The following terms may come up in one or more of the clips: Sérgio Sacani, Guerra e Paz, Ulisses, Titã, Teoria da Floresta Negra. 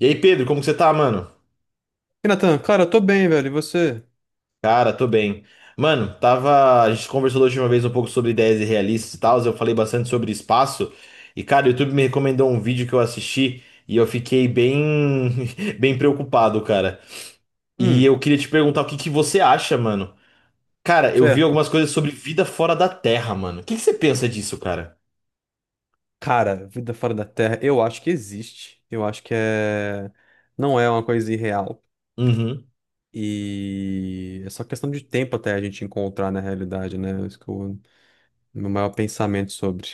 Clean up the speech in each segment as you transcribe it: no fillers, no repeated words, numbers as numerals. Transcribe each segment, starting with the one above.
E aí, Pedro, como que você tá, mano? E Natan, cara, eu tô bem, velho. E você? Cara, tô bem. Mano, tava. A gente conversou da última vez um pouco sobre ideias irrealistas e tal. Eu falei bastante sobre espaço. E, cara, o YouTube me recomendou um vídeo que eu assisti e eu fiquei bem. Bem preocupado, cara. E Hum, eu queria te perguntar o que que você acha, mano. Cara, eu vi certo. algumas coisas sobre vida fora da Terra, mano. O que que você pensa disso, cara? Cara, vida fora da Terra, eu acho que existe. Eu acho que é. Não é uma coisa irreal. Uhum, E é só questão de tempo até a gente encontrar na realidade, né? É isso que é o meu maior pensamento sobre.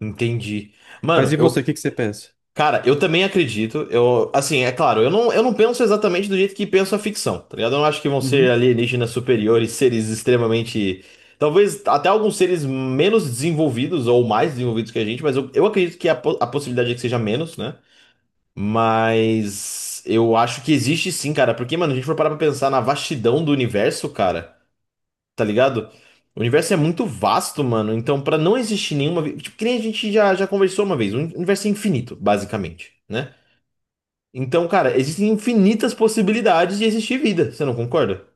entendi. Mas Mano, e você, o eu. que que você pensa? Cara, eu também acredito. Eu, assim, é claro, eu não penso exatamente do jeito que penso a ficção, tá ligado? Eu não acho que vão ser alienígenas superiores, seres extremamente. Talvez até alguns seres menos desenvolvidos ou mais desenvolvidos que a gente, mas eu acredito que a possibilidade é que seja menos, né? Mas eu acho que existe sim, cara, porque, mano, a gente for parar pra pensar na vastidão do universo, cara, tá ligado? O universo é muito vasto, mano, então pra não existir nenhuma. Tipo, que nem a gente já conversou uma vez, o universo é infinito, basicamente, né? Então, cara, existem infinitas possibilidades de existir vida, você não concorda?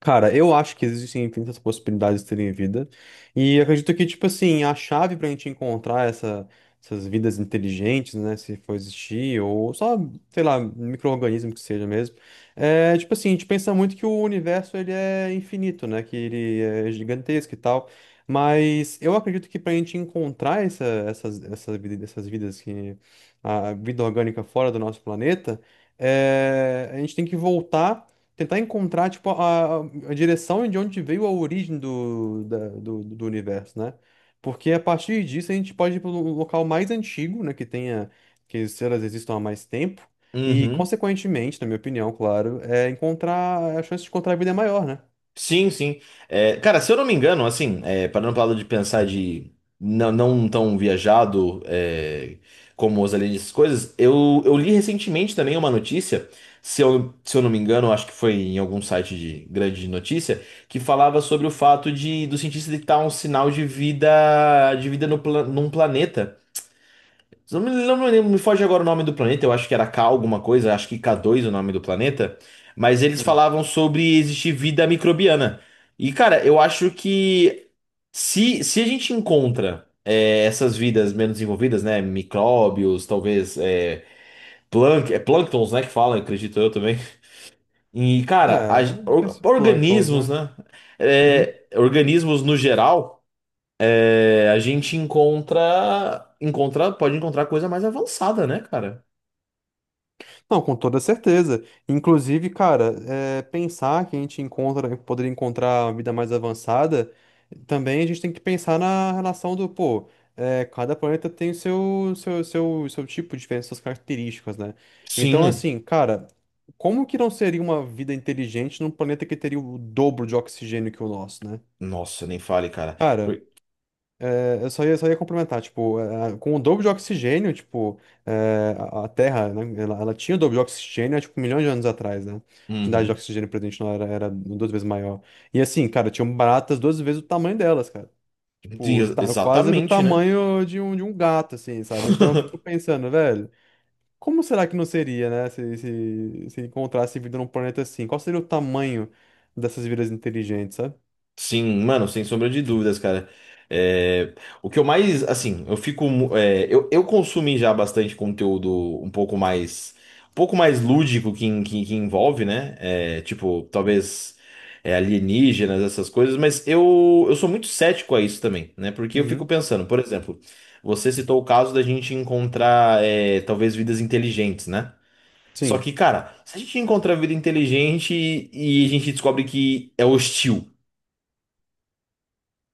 Cara, eu acho que existem infinitas possibilidades de terem vida. E acredito que, tipo assim, a chave pra gente encontrar essas vidas inteligentes, né? Se for existir, ou só, sei lá, micro-organismo que seja mesmo. É, tipo assim, a gente pensa muito que o universo, ele é infinito, né? Que ele é gigantesco e tal. Mas eu acredito que pra gente encontrar essas vidas que... A vida orgânica fora do nosso planeta, é, a gente tem que voltar. Tentar encontrar, tipo, a direção de onde veio a origem do universo, né? Porque a partir disso a gente pode ir para o local mais antigo, né? Que tenha, que se elas existam há mais tempo. E, Uhum. consequentemente, na minha opinião, claro, é encontrar, a chance de encontrar vida é maior, né? Sim, sim. É, cara, se eu não me engano, assim, é, parando para lado de pensar de não, não tão viajado é, como os aliens, essas coisas, eu li recentemente também uma notícia, se eu não me engano, acho que foi em algum site de grande notícia, que falava sobre o fato de do cientista detectar um sinal de vida no, num planeta. Não me lembro, me foge agora o nome do planeta, eu acho que era K alguma coisa, acho que K2 o nome do planeta, mas eles Hum. falavam sobre existir vida microbiana. E, cara, eu acho que se a gente encontra é, essas vidas menos desenvolvidas, né, micróbios, talvez é, é plânctons, né, que falam, acredito eu também. E, cara, É, esses plânctons, organismos, né? né, Uhum. é, organismos no geral, é, a gente pode encontrar coisa mais avançada, né, cara? Não, com toda certeza. Inclusive, cara, é, pensar que a gente encontra, poderia encontrar uma vida mais avançada, também a gente tem que pensar na relação do, pô, é, cada planeta tem o seu tipo diferente, suas características, né? Então, Sim. assim, cara, como que não seria uma vida inteligente num planeta que teria o dobro de oxigênio que o nosso, né? Nossa, nem fale, cara. Cara, Por- eu só ia complementar, tipo, com o dobro de oxigênio, tipo, a Terra, né, ela tinha o dobro de oxigênio há, tipo, milhões de anos atrás, né? A quantidade de Uhum. oxigênio presente na era duas vezes maior. E assim, cara, tinham baratas duas vezes o tamanho delas, cara. Sim, Tipo, ex- tá quase do Exatamente, né? tamanho de um gato, assim, sabe? Então eu fico pensando, velho, como será que não seria, né, se encontrasse vida num planeta assim? Qual seria o tamanho dessas vidas inteligentes, sabe? Sim, mano, sem sombra de dúvidas, cara. É, o que eu mais, assim, eu fico, mu- é, eu consumi já bastante conteúdo um pouco mais, um pouco mais lúdico que envolve, né? É, tipo, talvez é, alienígenas, essas coisas, mas eu sou muito cético a isso também, né? Porque eu fico Uhum. pensando, por exemplo, você citou o caso da gente encontrar, é, talvez vidas inteligentes, né? Só Sim. que, cara, se a gente encontra a vida inteligente e a gente descobre que é hostil,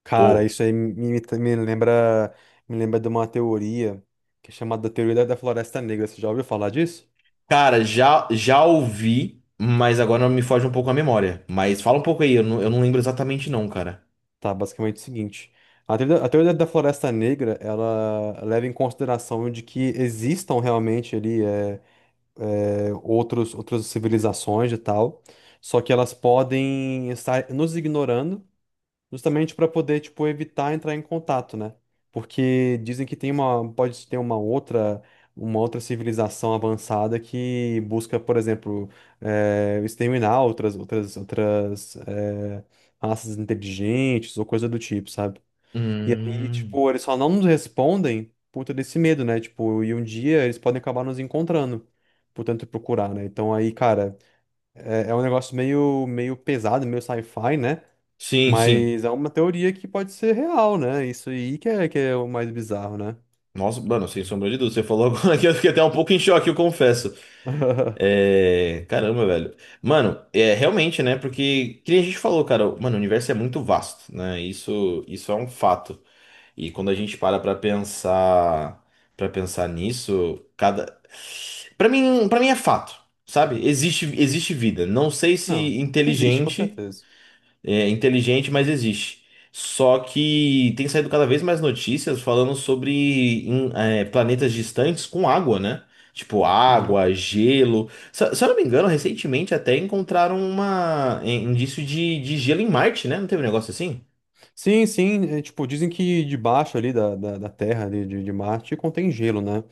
Cara, pô. Me lembra, me lembra de uma teoria que é chamada Teoria da Floresta Negra. Você já ouviu falar disso? Cara, já ouvi, mas agora me foge um pouco a memória. Mas fala um pouco aí, eu não lembro exatamente não, cara. Tá, basicamente é o seguinte. A teoria da Floresta Negra, ela leva em consideração de que existam realmente ali outras civilizações e tal, só que elas podem estar nos ignorando. Justamente para poder, tipo, evitar entrar em contato, né? Porque dizem que tem uma, pode ter uma outra civilização avançada que busca, por exemplo, exterminar outras, raças inteligentes ou coisa do tipo, sabe? E aí, Hum. tipo, eles só não nos respondem por todo esse medo, né? Tipo, e um dia eles podem acabar nos encontrando. Portanto, procurar, né? Então aí, cara, é, é um negócio meio pesado, meio sci-fi, né? Sim, sim. Mas é uma teoria que pode ser real, né? Isso aí que é o mais bizarro, né? Nossa, mano, sem sombra de dúvida. Você falou agora que eu fiquei até um pouco em choque, eu confesso. É. Caramba, velho. Mano, é realmente, né? Porque, que nem a gente falou, cara, mano, o universo é muito vasto, né? Isso é um fato. E quando a gente para pra pensar, nisso, cada para mim é fato, sabe? Existe vida. Não sei se Não, existe, com inteligente, certeza. é inteligente, mas existe. Só que tem saído cada vez mais notícias falando sobre em, é, planetas distantes com água, né? Tipo Uhum. água, gelo. Se eu não me engano, recentemente até encontraram uma é, indício de gelo em Marte, né? Não teve um negócio assim? Sim, sim, é, tipo, dizem que debaixo ali da Terra, ali de Marte, contém gelo, né?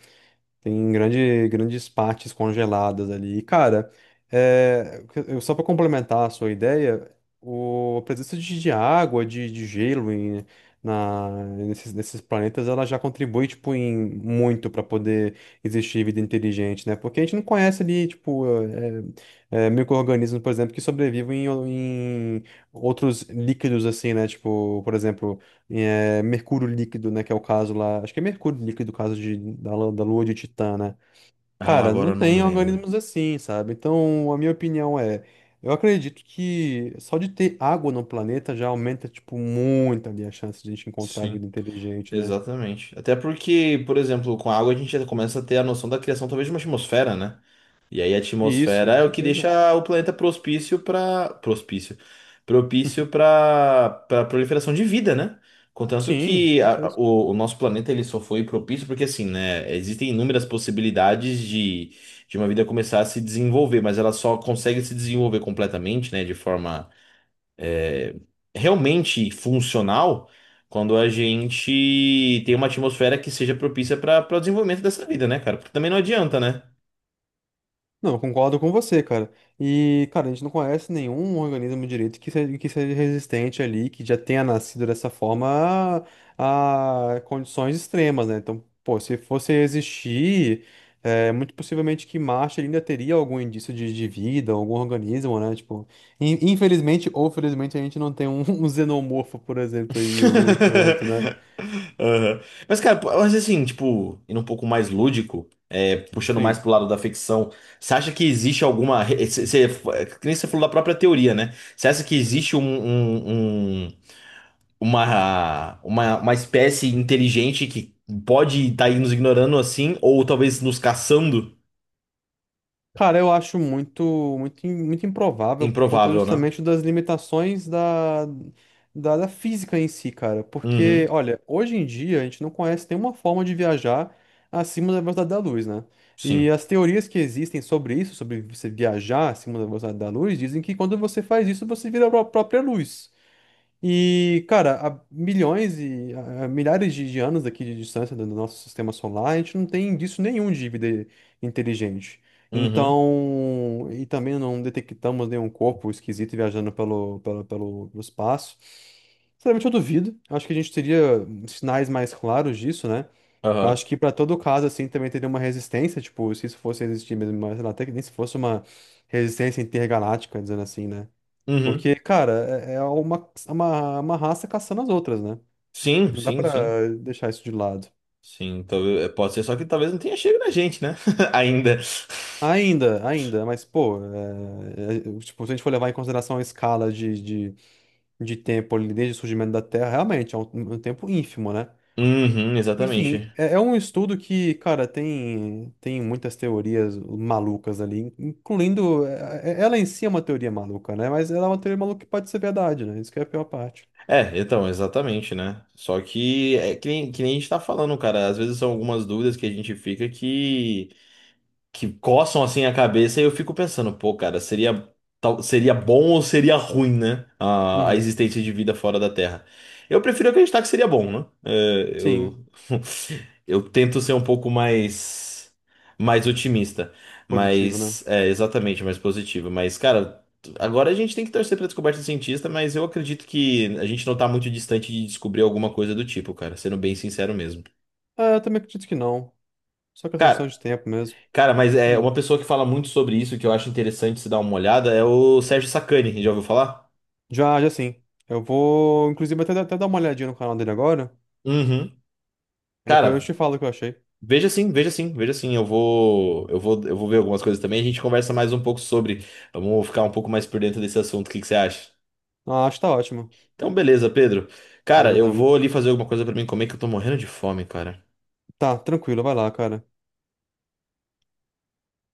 Grandes partes congeladas ali. E, cara, é, só para complementar a sua ideia, a presença de água, de gelo em, na, nesses planetas, ela já contribui, tipo, em muito para poder existir vida inteligente, né? Porque a gente não conhece ali, tipo, micro-organismos, por exemplo, que sobrevivem em outros líquidos, assim, né? Tipo, por exemplo é, mercúrio líquido, né? Que é o caso lá. Acho que é mercúrio líquido, o caso da lua de Titã, né? Ah, Cara, agora não eu não me tem lembro. organismos assim, sabe? Então, a minha opinião é. Eu acredito que só de ter água no planeta já aumenta, tipo, muito ali a chance de a gente encontrar vida inteligente, né? Exatamente. Até porque, por exemplo, com a água a gente já começa a ter a noção da criação talvez de uma atmosfera, né? E aí a E isso, atmosfera com é o que certeza. deixa o planeta propício para propício, propício para para proliferação de vida, né? Contanto Sim, com que a- a- certeza. o, o nosso planeta ele só foi propício porque assim, né? Existem inúmeras possibilidades de uma vida começar a se desenvolver, mas ela só consegue se desenvolver completamente, né? De forma é, realmente funcional quando a gente tem uma atmosfera que seja propícia para o desenvolvimento dessa vida, né, cara? Porque também não adianta, né? Não, eu concordo com você, cara. E, cara, a gente não conhece nenhum organismo direito que seja resistente ali, que já tenha nascido dessa forma a condições extremas, né? Então, pô, se fosse existir, é, muito possivelmente que Marte ainda teria algum indício de vida, algum organismo, né? Tipo, infelizmente ou felizmente a gente não tem um, um xenomorfo, por exemplo, aí em algum canto, né? Aham. Mas, cara, pô, mas assim, tipo, indo um pouco mais lúdico, é, puxando mais Sim. pro lado da ficção, você acha que existe alguma. Que nem você falou da própria teoria, né? Você acha que existe uma espécie inteligente que pode estar nos ignorando assim, ou talvez nos caçando? Cara, eu acho muito, muito improvável por conta Improvável, né? justamente das limitações da física em si, cara. Porque, Uhum. olha, hoje em dia a gente não conhece nenhuma forma de viajar acima da velocidade da luz, né? E Sim. as teorias que existem sobre isso, sobre você viajar acima da velocidade da luz, dizem que quando você faz isso, você vira a própria luz. E, cara, há milhões e há milhares de anos aqui de distância do nosso sistema solar, a gente não tem indício nenhum de vida inteligente. Uhum. Então, e também não detectamos nenhum corpo esquisito viajando pelo espaço. Sinceramente, eu duvido. Acho que a gente teria sinais mais claros disso, né? Eu Aham. acho que para todo caso, assim, também teria uma resistência, tipo, se isso fosse existir mesmo, mas sei lá, até que nem se fosse uma resistência intergaláctica, dizendo assim, né? Uhum. Porque, cara, é é uma, é uma, é uma raça caçando as outras, né? Sim, Não dá sim, sim. pra deixar isso de lado. Sim, talvez, pode ser só que talvez não tenha chego na gente, né? Ainda. Ainda, ainda, mas, pô, é, tipo, se a gente for levar em consideração a escala de, de tempo ali desde o surgimento da Terra, realmente é um, um tempo ínfimo, né? Uhum, Enfim, exatamente. é, é um estudo que, cara, tem muitas teorias malucas ali, incluindo. É Ela em si é uma teoria maluca, né? Mas ela é uma teoria maluca que pode ser verdade, né? Isso que é a pior parte. É, então, exatamente, né? Só que é que nem a gente tá falando, cara. Às vezes são algumas dúvidas que a gente fica que coçam assim a cabeça e eu fico pensando, pô, cara, seria seria bom ou seria ruim, né? A Uhum. existência de vida fora da Terra. Eu prefiro acreditar que seria bom, né? É, Sim, eu eu tento ser um pouco mais otimista, positivo, né? mas é exatamente mais positivo, mas cara, agora a gente tem que torcer pra descoberta do cientista, mas eu acredito que a gente não tá muito distante de descobrir alguma coisa do tipo, cara, sendo bem sincero mesmo. É, eu também acredito que não. Só questão Cara, de tempo mesmo. Cara, mas é Hum. uma pessoa que fala muito sobre isso, que eu acho interessante se dar uma olhada, é o Sérgio Sacani, já ouviu falar? Já, já sim. Eu vou, inclusive, até dar uma olhadinha no canal dele agora. Uhum. E depois eu Cara, te falo o que eu achei. veja sim, veja sim, veja sim. Eu vou ver algumas coisas também. A gente conversa mais um pouco sobre. Vamos ficar um pouco mais por dentro desse assunto. O que que você acha? Ah, acho que tá ótimo. Então, beleza, Pedro. Cara, Beleza, eu tá, vou ali fazer alguma coisa pra mim comer, que eu tô morrendo de fome, cara. tá, tranquilo, vai lá, cara.